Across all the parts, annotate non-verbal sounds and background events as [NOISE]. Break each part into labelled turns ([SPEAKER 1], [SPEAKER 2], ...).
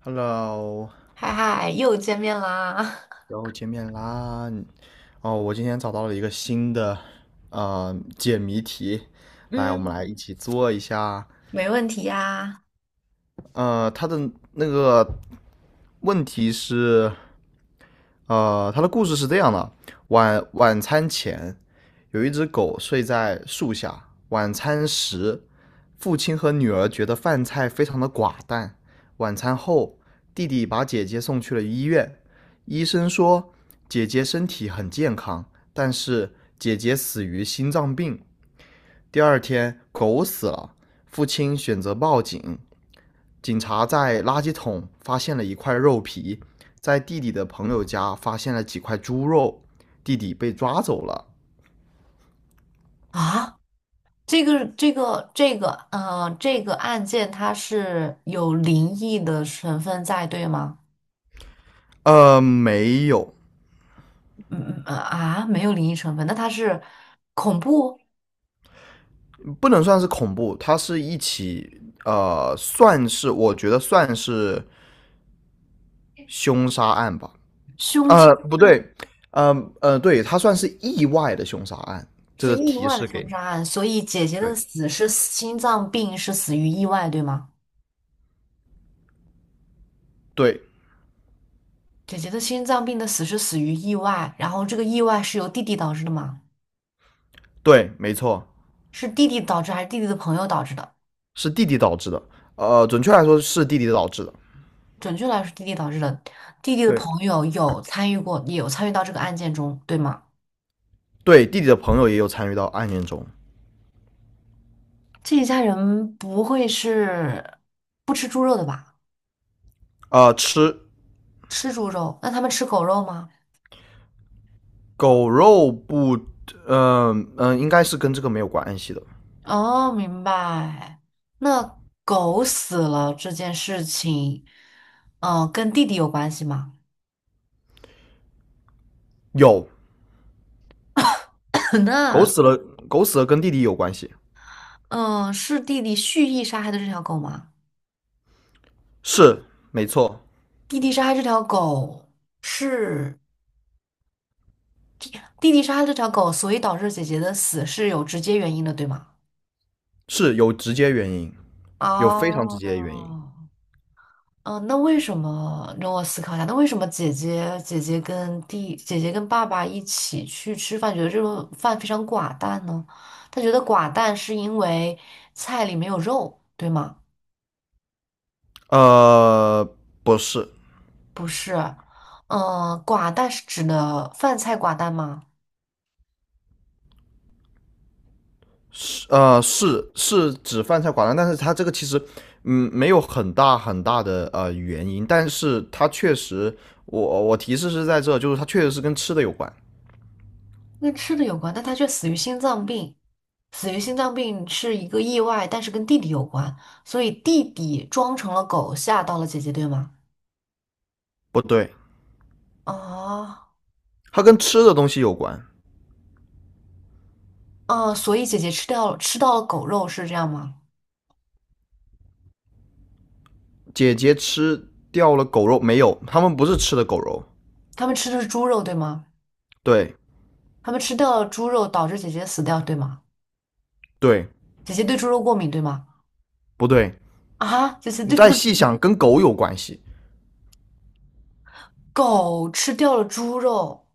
[SPEAKER 1] Hello，
[SPEAKER 2] 嗨嗨，又见面啦！
[SPEAKER 1] 又见面啦！哦，我今天找到了一个新的解谜题，
[SPEAKER 2] [LAUGHS]
[SPEAKER 1] 来，我
[SPEAKER 2] 嗯，
[SPEAKER 1] 们来一起做一下。
[SPEAKER 2] 没问题呀。
[SPEAKER 1] 它的那个问题是，他的故事是这样的：晚餐前，有一只狗睡在树下。晚餐时，父亲和女儿觉得饭菜非常的寡淡。晚餐后，弟弟把姐姐送去了医院。医生说，姐姐身体很健康，但是姐姐死于心脏病。第二天，狗死了，父亲选择报警。警察在垃圾桶发现了一块肉皮，在弟弟的朋友家发现了几块猪肉，弟弟被抓走了。
[SPEAKER 2] 啊，这个案件它是有灵异的成分在，对吗？
[SPEAKER 1] 没有，
[SPEAKER 2] 没有灵异成分，那它是恐怖
[SPEAKER 1] 不能算是恐怖，它是一起我觉得算是凶杀案吧。
[SPEAKER 2] 凶杀，
[SPEAKER 1] 不对，呃对，它算是意外的凶杀案。这
[SPEAKER 2] 是
[SPEAKER 1] 个
[SPEAKER 2] 意
[SPEAKER 1] 提
[SPEAKER 2] 外的
[SPEAKER 1] 示给
[SPEAKER 2] 凶
[SPEAKER 1] 你，
[SPEAKER 2] 杀案，所以姐姐的
[SPEAKER 1] 对
[SPEAKER 2] 死是心脏病，是死于意外，对吗？
[SPEAKER 1] 对
[SPEAKER 2] 姐姐的心脏病的死是死于意外，然后这个意外是由弟弟导致的吗？
[SPEAKER 1] 对，没错，
[SPEAKER 2] 是弟弟导致还是弟弟的朋友导致的？
[SPEAKER 1] 是弟弟导致的。准确来说是弟弟导致的。
[SPEAKER 2] 准确来说，弟弟导致的，弟弟的朋
[SPEAKER 1] 对，
[SPEAKER 2] 友有参与过，也有参与到这个案件中，对吗？
[SPEAKER 1] 对，弟弟的朋友也有参与到案件中。
[SPEAKER 2] 这一家人不会是不吃猪肉的吧？
[SPEAKER 1] 吃
[SPEAKER 2] 吃猪肉，那他们吃狗肉吗？
[SPEAKER 1] 狗肉不，应该是跟这个没有关系的。
[SPEAKER 2] 哦，明白。那狗死了这件事情，跟弟弟有关系吗？
[SPEAKER 1] 有
[SPEAKER 2] [LAUGHS] [CLEARS THROAT]
[SPEAKER 1] 狗
[SPEAKER 2] 那，
[SPEAKER 1] 死了，狗死了,跟弟弟有关系，
[SPEAKER 2] 是弟弟蓄意杀害的这条狗吗？
[SPEAKER 1] 是没错，
[SPEAKER 2] 弟弟杀害这条狗是弟弟杀害这条狗，所以导致姐姐的死是有直接原因的，对吗？
[SPEAKER 1] 是有直接原因，有非常直接的原因。
[SPEAKER 2] 哦，嗯，那为什么让我思考一下？那为什么姐姐跟爸爸一起去吃饭，觉得这顿饭非常寡淡呢？他觉得寡淡是因为菜里没有肉，对吗？
[SPEAKER 1] 呃，不是，
[SPEAKER 2] 不是，嗯，寡淡是指的饭菜寡淡吗？
[SPEAKER 1] 是指饭菜寡淡，但是他这个其实，嗯，没有很大很大的原因，但是他确实，我提示是在这，就是他确实是跟吃的有关。
[SPEAKER 2] 跟吃的有关，但他却死于心脏病。死于心脏病是一个意外，但是跟弟弟有关，所以弟弟装成了狗吓到了姐姐，对吗？
[SPEAKER 1] 不对，
[SPEAKER 2] 啊。
[SPEAKER 1] 它跟吃的东西有关。
[SPEAKER 2] 哦，所以姐姐吃到了狗肉是这样吗？
[SPEAKER 1] 姐姐吃掉了狗肉没有？他们不是吃的狗肉，
[SPEAKER 2] 他们吃的是猪肉对吗？
[SPEAKER 1] 对
[SPEAKER 2] 他们吃掉了猪肉，导致姐姐死掉对吗？
[SPEAKER 1] 对，
[SPEAKER 2] 姐姐对猪肉过敏对吗？
[SPEAKER 1] 不对？
[SPEAKER 2] 啊，姐姐
[SPEAKER 1] 你
[SPEAKER 2] 对猪
[SPEAKER 1] 再细想，跟狗有关系。
[SPEAKER 2] 狗吃掉了猪肉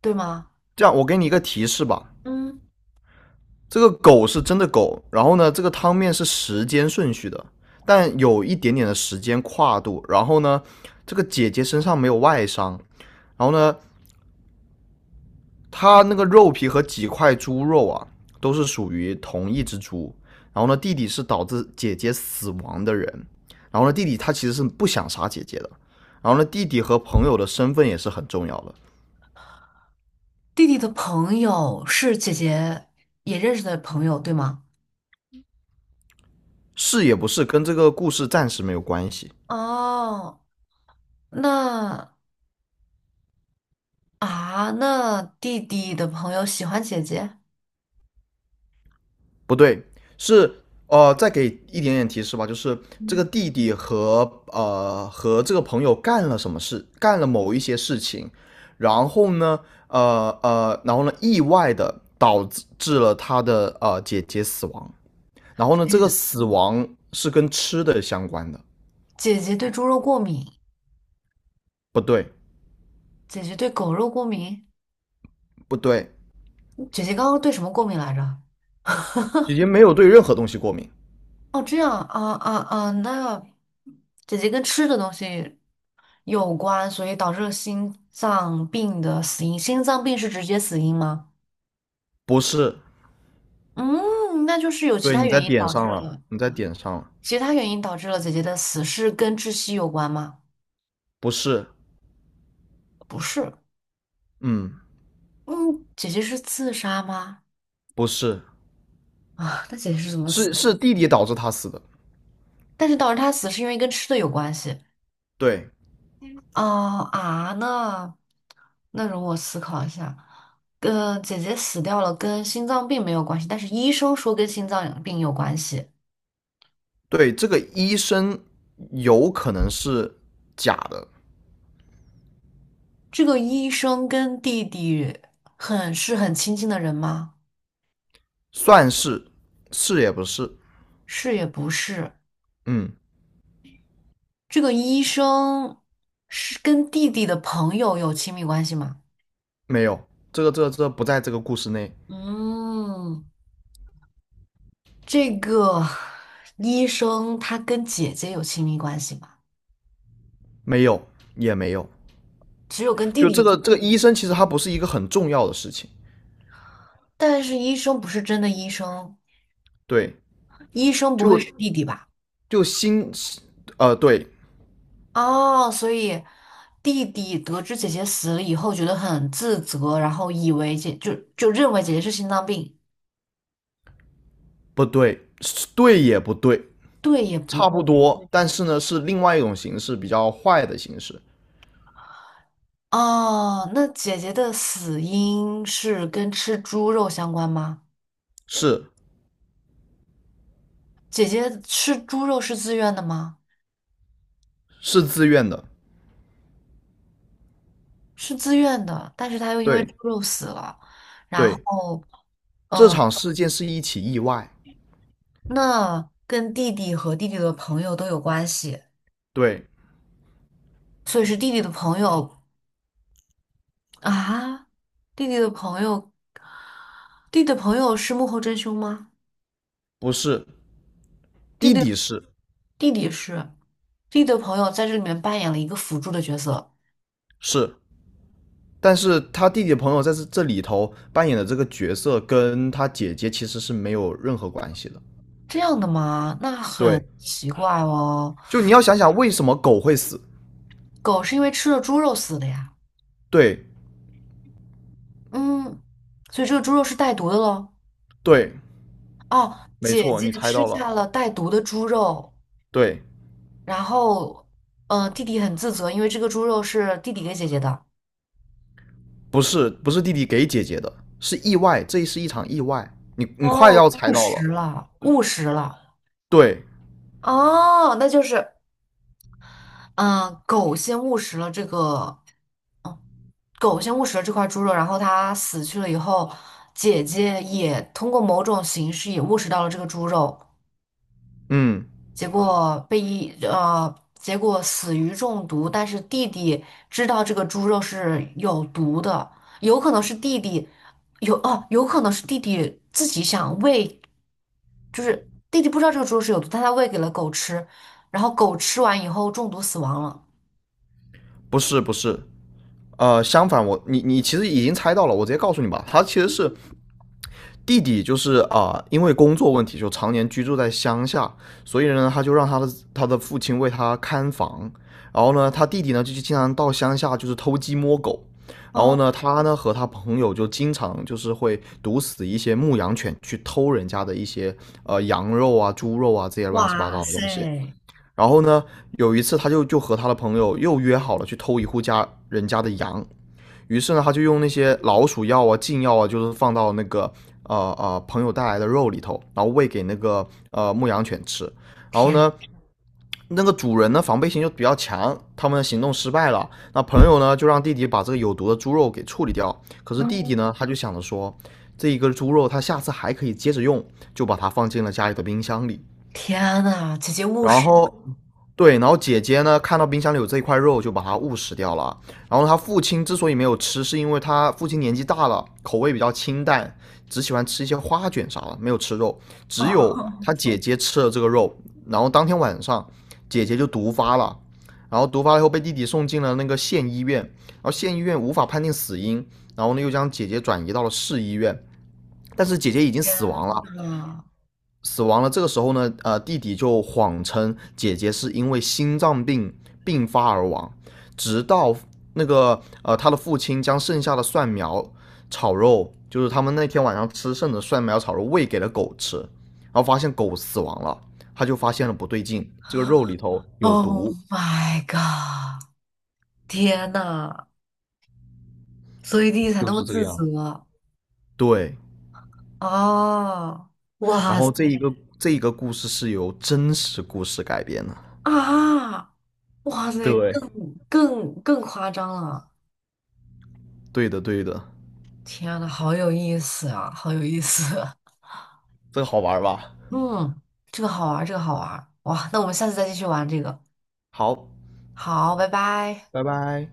[SPEAKER 2] 对吗？
[SPEAKER 1] 这样，我给你一个提示吧，
[SPEAKER 2] 嗯，
[SPEAKER 1] 这个狗是真的狗，然后呢，这个汤面是时间顺序的，但有一点点的时间跨度。然后呢，这个姐姐身上没有外伤，然后呢，他那个肉皮和几块猪肉啊，都是属于同一只猪。然后呢，弟弟是导致姐姐死亡的人。然后呢，弟弟他其实是不想杀姐姐的。然后呢，弟弟和朋友的身份也是很重要的，
[SPEAKER 2] 弟弟的朋友是姐姐也认识的朋友对吗？
[SPEAKER 1] 是也不是跟这个故事暂时没有关系。
[SPEAKER 2] 哦，那啊，那弟弟的朋友喜欢姐姐，
[SPEAKER 1] 不对，再给一点点提示吧，就是这个
[SPEAKER 2] 嗯
[SPEAKER 1] 弟弟和这个朋友干了什么事，干了某一些事情，然后呢，意外的导致了他的姐姐死亡，然后呢，这个死亡是跟吃的相关的，
[SPEAKER 2] 姐姐对猪肉过敏，
[SPEAKER 1] 不对，
[SPEAKER 2] 姐姐对狗肉过敏，
[SPEAKER 1] 不对，
[SPEAKER 2] 姐姐刚刚对什么过敏来着？
[SPEAKER 1] 姐姐没有对任何东西过敏，
[SPEAKER 2] 哦，这样啊啊啊，那姐姐跟吃的东西有关，所以导致了心脏病的死因。心脏病是直接死因吗？
[SPEAKER 1] 不是，
[SPEAKER 2] 嗯，那就是有其
[SPEAKER 1] 对，
[SPEAKER 2] 他
[SPEAKER 1] 你在
[SPEAKER 2] 原因
[SPEAKER 1] 点
[SPEAKER 2] 导致
[SPEAKER 1] 上了，
[SPEAKER 2] 了，
[SPEAKER 1] 你在点上了，
[SPEAKER 2] 其他原因导致了姐姐的死是跟窒息有关吗？
[SPEAKER 1] 不是，
[SPEAKER 2] 不是，
[SPEAKER 1] 嗯，
[SPEAKER 2] 嗯，姐姐是自杀吗？
[SPEAKER 1] 不是，
[SPEAKER 2] 啊，那姐姐是怎么死？
[SPEAKER 1] 是弟弟导致他死的。
[SPEAKER 2] 但是导致她死是因为跟吃的有关系。
[SPEAKER 1] 对
[SPEAKER 2] 哦啊，那容我思考一下。跟姐姐死掉了，跟心脏病没有关系，但是医生说跟心脏病有关系。
[SPEAKER 1] 对，这个医生有可能是假的，
[SPEAKER 2] 这个医生跟弟弟很亲近的人吗？
[SPEAKER 1] 算是是也不是，
[SPEAKER 2] 是也不是。
[SPEAKER 1] 嗯，
[SPEAKER 2] 这个医生是跟弟弟的朋友有亲密关系吗？
[SPEAKER 1] 没有，这个不在这个故事内，
[SPEAKER 2] 嗯，这个医生他跟姐姐有亲密关系吗？
[SPEAKER 1] 没有也没有，
[SPEAKER 2] 只有跟弟
[SPEAKER 1] 就
[SPEAKER 2] 弟有，
[SPEAKER 1] 这个医生其实他不是一个很重要的事情，
[SPEAKER 2] 但是医生不是真的医生。
[SPEAKER 1] 对，
[SPEAKER 2] 医生不
[SPEAKER 1] 就
[SPEAKER 2] 会是弟弟吧？
[SPEAKER 1] 就心，呃，对，
[SPEAKER 2] 哦，所以弟弟得知姐姐死了以后，觉得很自责，然后以为姐就就认为姐姐是心脏病，
[SPEAKER 1] 不对，对也不对，
[SPEAKER 2] 对也不
[SPEAKER 1] 差不
[SPEAKER 2] 对。
[SPEAKER 1] 多，但是呢是另外一种形式，比较坏的形式，
[SPEAKER 2] 哦，那姐姐的死因是跟吃猪肉相关吗？
[SPEAKER 1] 是
[SPEAKER 2] 姐姐吃猪肉是自愿的吗？
[SPEAKER 1] 是自愿的，
[SPEAKER 2] 是自愿的，但是她又因为
[SPEAKER 1] 对
[SPEAKER 2] 猪肉死了。然
[SPEAKER 1] 对，
[SPEAKER 2] 后，
[SPEAKER 1] 这
[SPEAKER 2] 嗯、
[SPEAKER 1] 场事件是一起意外。
[SPEAKER 2] 那跟弟弟和弟弟的朋友都有关系，
[SPEAKER 1] 对，
[SPEAKER 2] 所以是啊，弟弟的朋友，弟弟的朋友是幕后真凶吗？
[SPEAKER 1] 不是，
[SPEAKER 2] 弟
[SPEAKER 1] 弟
[SPEAKER 2] 弟
[SPEAKER 1] 弟是
[SPEAKER 2] 弟弟是，弟弟的朋友在这里面扮演了一个辅助的角色，
[SPEAKER 1] 是，但是他弟弟的朋友在这里头扮演的这个角色跟他姐姐其实是没有任何关系的。
[SPEAKER 2] 这样的吗？那
[SPEAKER 1] 对，
[SPEAKER 2] 很奇怪哦。
[SPEAKER 1] 就你要想想为什么狗会死。
[SPEAKER 2] 狗是因为吃了猪肉死的呀，
[SPEAKER 1] 对
[SPEAKER 2] 嗯，所以这个猪肉是带毒的喽。
[SPEAKER 1] 对，
[SPEAKER 2] 哦，
[SPEAKER 1] 没
[SPEAKER 2] 姐
[SPEAKER 1] 错，
[SPEAKER 2] 姐
[SPEAKER 1] 你猜
[SPEAKER 2] 吃
[SPEAKER 1] 到了。
[SPEAKER 2] 下了带毒的猪肉，
[SPEAKER 1] 对，
[SPEAKER 2] 然后，呃，弟弟很自责，因为这个猪肉是弟弟给姐姐的。
[SPEAKER 1] 不是不是弟弟给姐姐的，是意外，这是一场意外。你快
[SPEAKER 2] 哦，
[SPEAKER 1] 要猜
[SPEAKER 2] 误
[SPEAKER 1] 到了。
[SPEAKER 2] 食了，误食了。
[SPEAKER 1] 对，
[SPEAKER 2] 哦，那就是。嗯，狗先误食了这个，狗先误食了这块猪肉，然后它死去了以后，姐姐也通过某种形式也误食到了这个猪肉，
[SPEAKER 1] 嗯，
[SPEAKER 2] 结果死于中毒。但是弟弟知道这个猪肉是有毒的，有可能是弟弟有可能是弟弟自己想喂，就是弟弟不知道这个猪肉是有毒，但他喂给了狗吃，然后狗吃完以后中毒死亡了。
[SPEAKER 1] 不是不是，相反你其实已经猜到了，我直接告诉你吧，他其实是弟弟就是啊，因为工作问题就常年居住在乡下，所以呢，他就让他的父亲为他看房。然后呢，他弟弟呢就经常到乡下就是偷鸡摸狗。然后
[SPEAKER 2] 哦，
[SPEAKER 1] 呢，他呢和他朋友就经常就是会毒死一些牧羊犬，去偷人家的一些羊肉啊、猪肉啊这些乱七八
[SPEAKER 2] 哇
[SPEAKER 1] 糟的东西。
[SPEAKER 2] 塞！
[SPEAKER 1] 然后呢，有一次他就和他的朋友又约好了去偷一户家人家的羊，于是呢，他就用那些老鼠药啊、禁药啊，就是放到那个朋友带来的肉里头，然后喂给那个牧羊犬吃。然后
[SPEAKER 2] 天。
[SPEAKER 1] 呢，那个主人呢防备心就比较强，他们的行动失败了。那朋友呢就让弟弟把这个有毒的猪肉给处理掉。可是弟弟
[SPEAKER 2] 嗯，
[SPEAKER 1] 呢，他就想着说，这一个猪肉他下次还可以接着用，就把它放进了家里的冰箱里。
[SPEAKER 2] 天呐，姐姐务
[SPEAKER 1] 然
[SPEAKER 2] 实
[SPEAKER 1] 后，对，然后姐姐呢，看到冰箱里有这一块肉，就把它误食掉了。然后他父亲之所以没有吃，是因为他父亲年纪大了，口味比较清淡，只喜欢吃一些花卷啥的，没有吃肉。只有
[SPEAKER 2] 哦！
[SPEAKER 1] 他姐姐吃了这个肉，然后当天晚上，姐姐就毒发了。然后毒发了以后，被弟弟送进了那个县医院，然后县医院无法判定死因，然后呢又将姐姐转移到了市医院，但是姐姐已经
[SPEAKER 2] 天
[SPEAKER 1] 死亡了。
[SPEAKER 2] 呐
[SPEAKER 1] 死亡了。这个时候呢，弟弟就谎称姐姐是因为心脏病并发而亡，直到那个他的父亲将剩下的蒜苗炒肉，就是他们那天晚上吃剩的蒜苗炒肉喂给了狗吃，然后发现狗死亡了，他就发现了不对劲，这个肉里头有
[SPEAKER 2] ，Oh
[SPEAKER 1] 毒。
[SPEAKER 2] my god！天呐，所以弟弟才那
[SPEAKER 1] 就
[SPEAKER 2] 么
[SPEAKER 1] 是这个
[SPEAKER 2] 自
[SPEAKER 1] 样
[SPEAKER 2] 责
[SPEAKER 1] 子。对，
[SPEAKER 2] 啊！
[SPEAKER 1] 然
[SPEAKER 2] 哇
[SPEAKER 1] 后
[SPEAKER 2] 塞
[SPEAKER 1] 这一个故事是由真实故事改编的。
[SPEAKER 2] 啊！哇塞，
[SPEAKER 1] 对，
[SPEAKER 2] 更夸张了！
[SPEAKER 1] 对的，对的，
[SPEAKER 2] 天呐，好有意思啊，好有意思！
[SPEAKER 1] 这个好玩吧？
[SPEAKER 2] [LAUGHS] 嗯，这个好玩儿，这个好玩儿！哇，那我们下次再继续玩这个。
[SPEAKER 1] 好，
[SPEAKER 2] 好，拜拜。
[SPEAKER 1] 拜拜。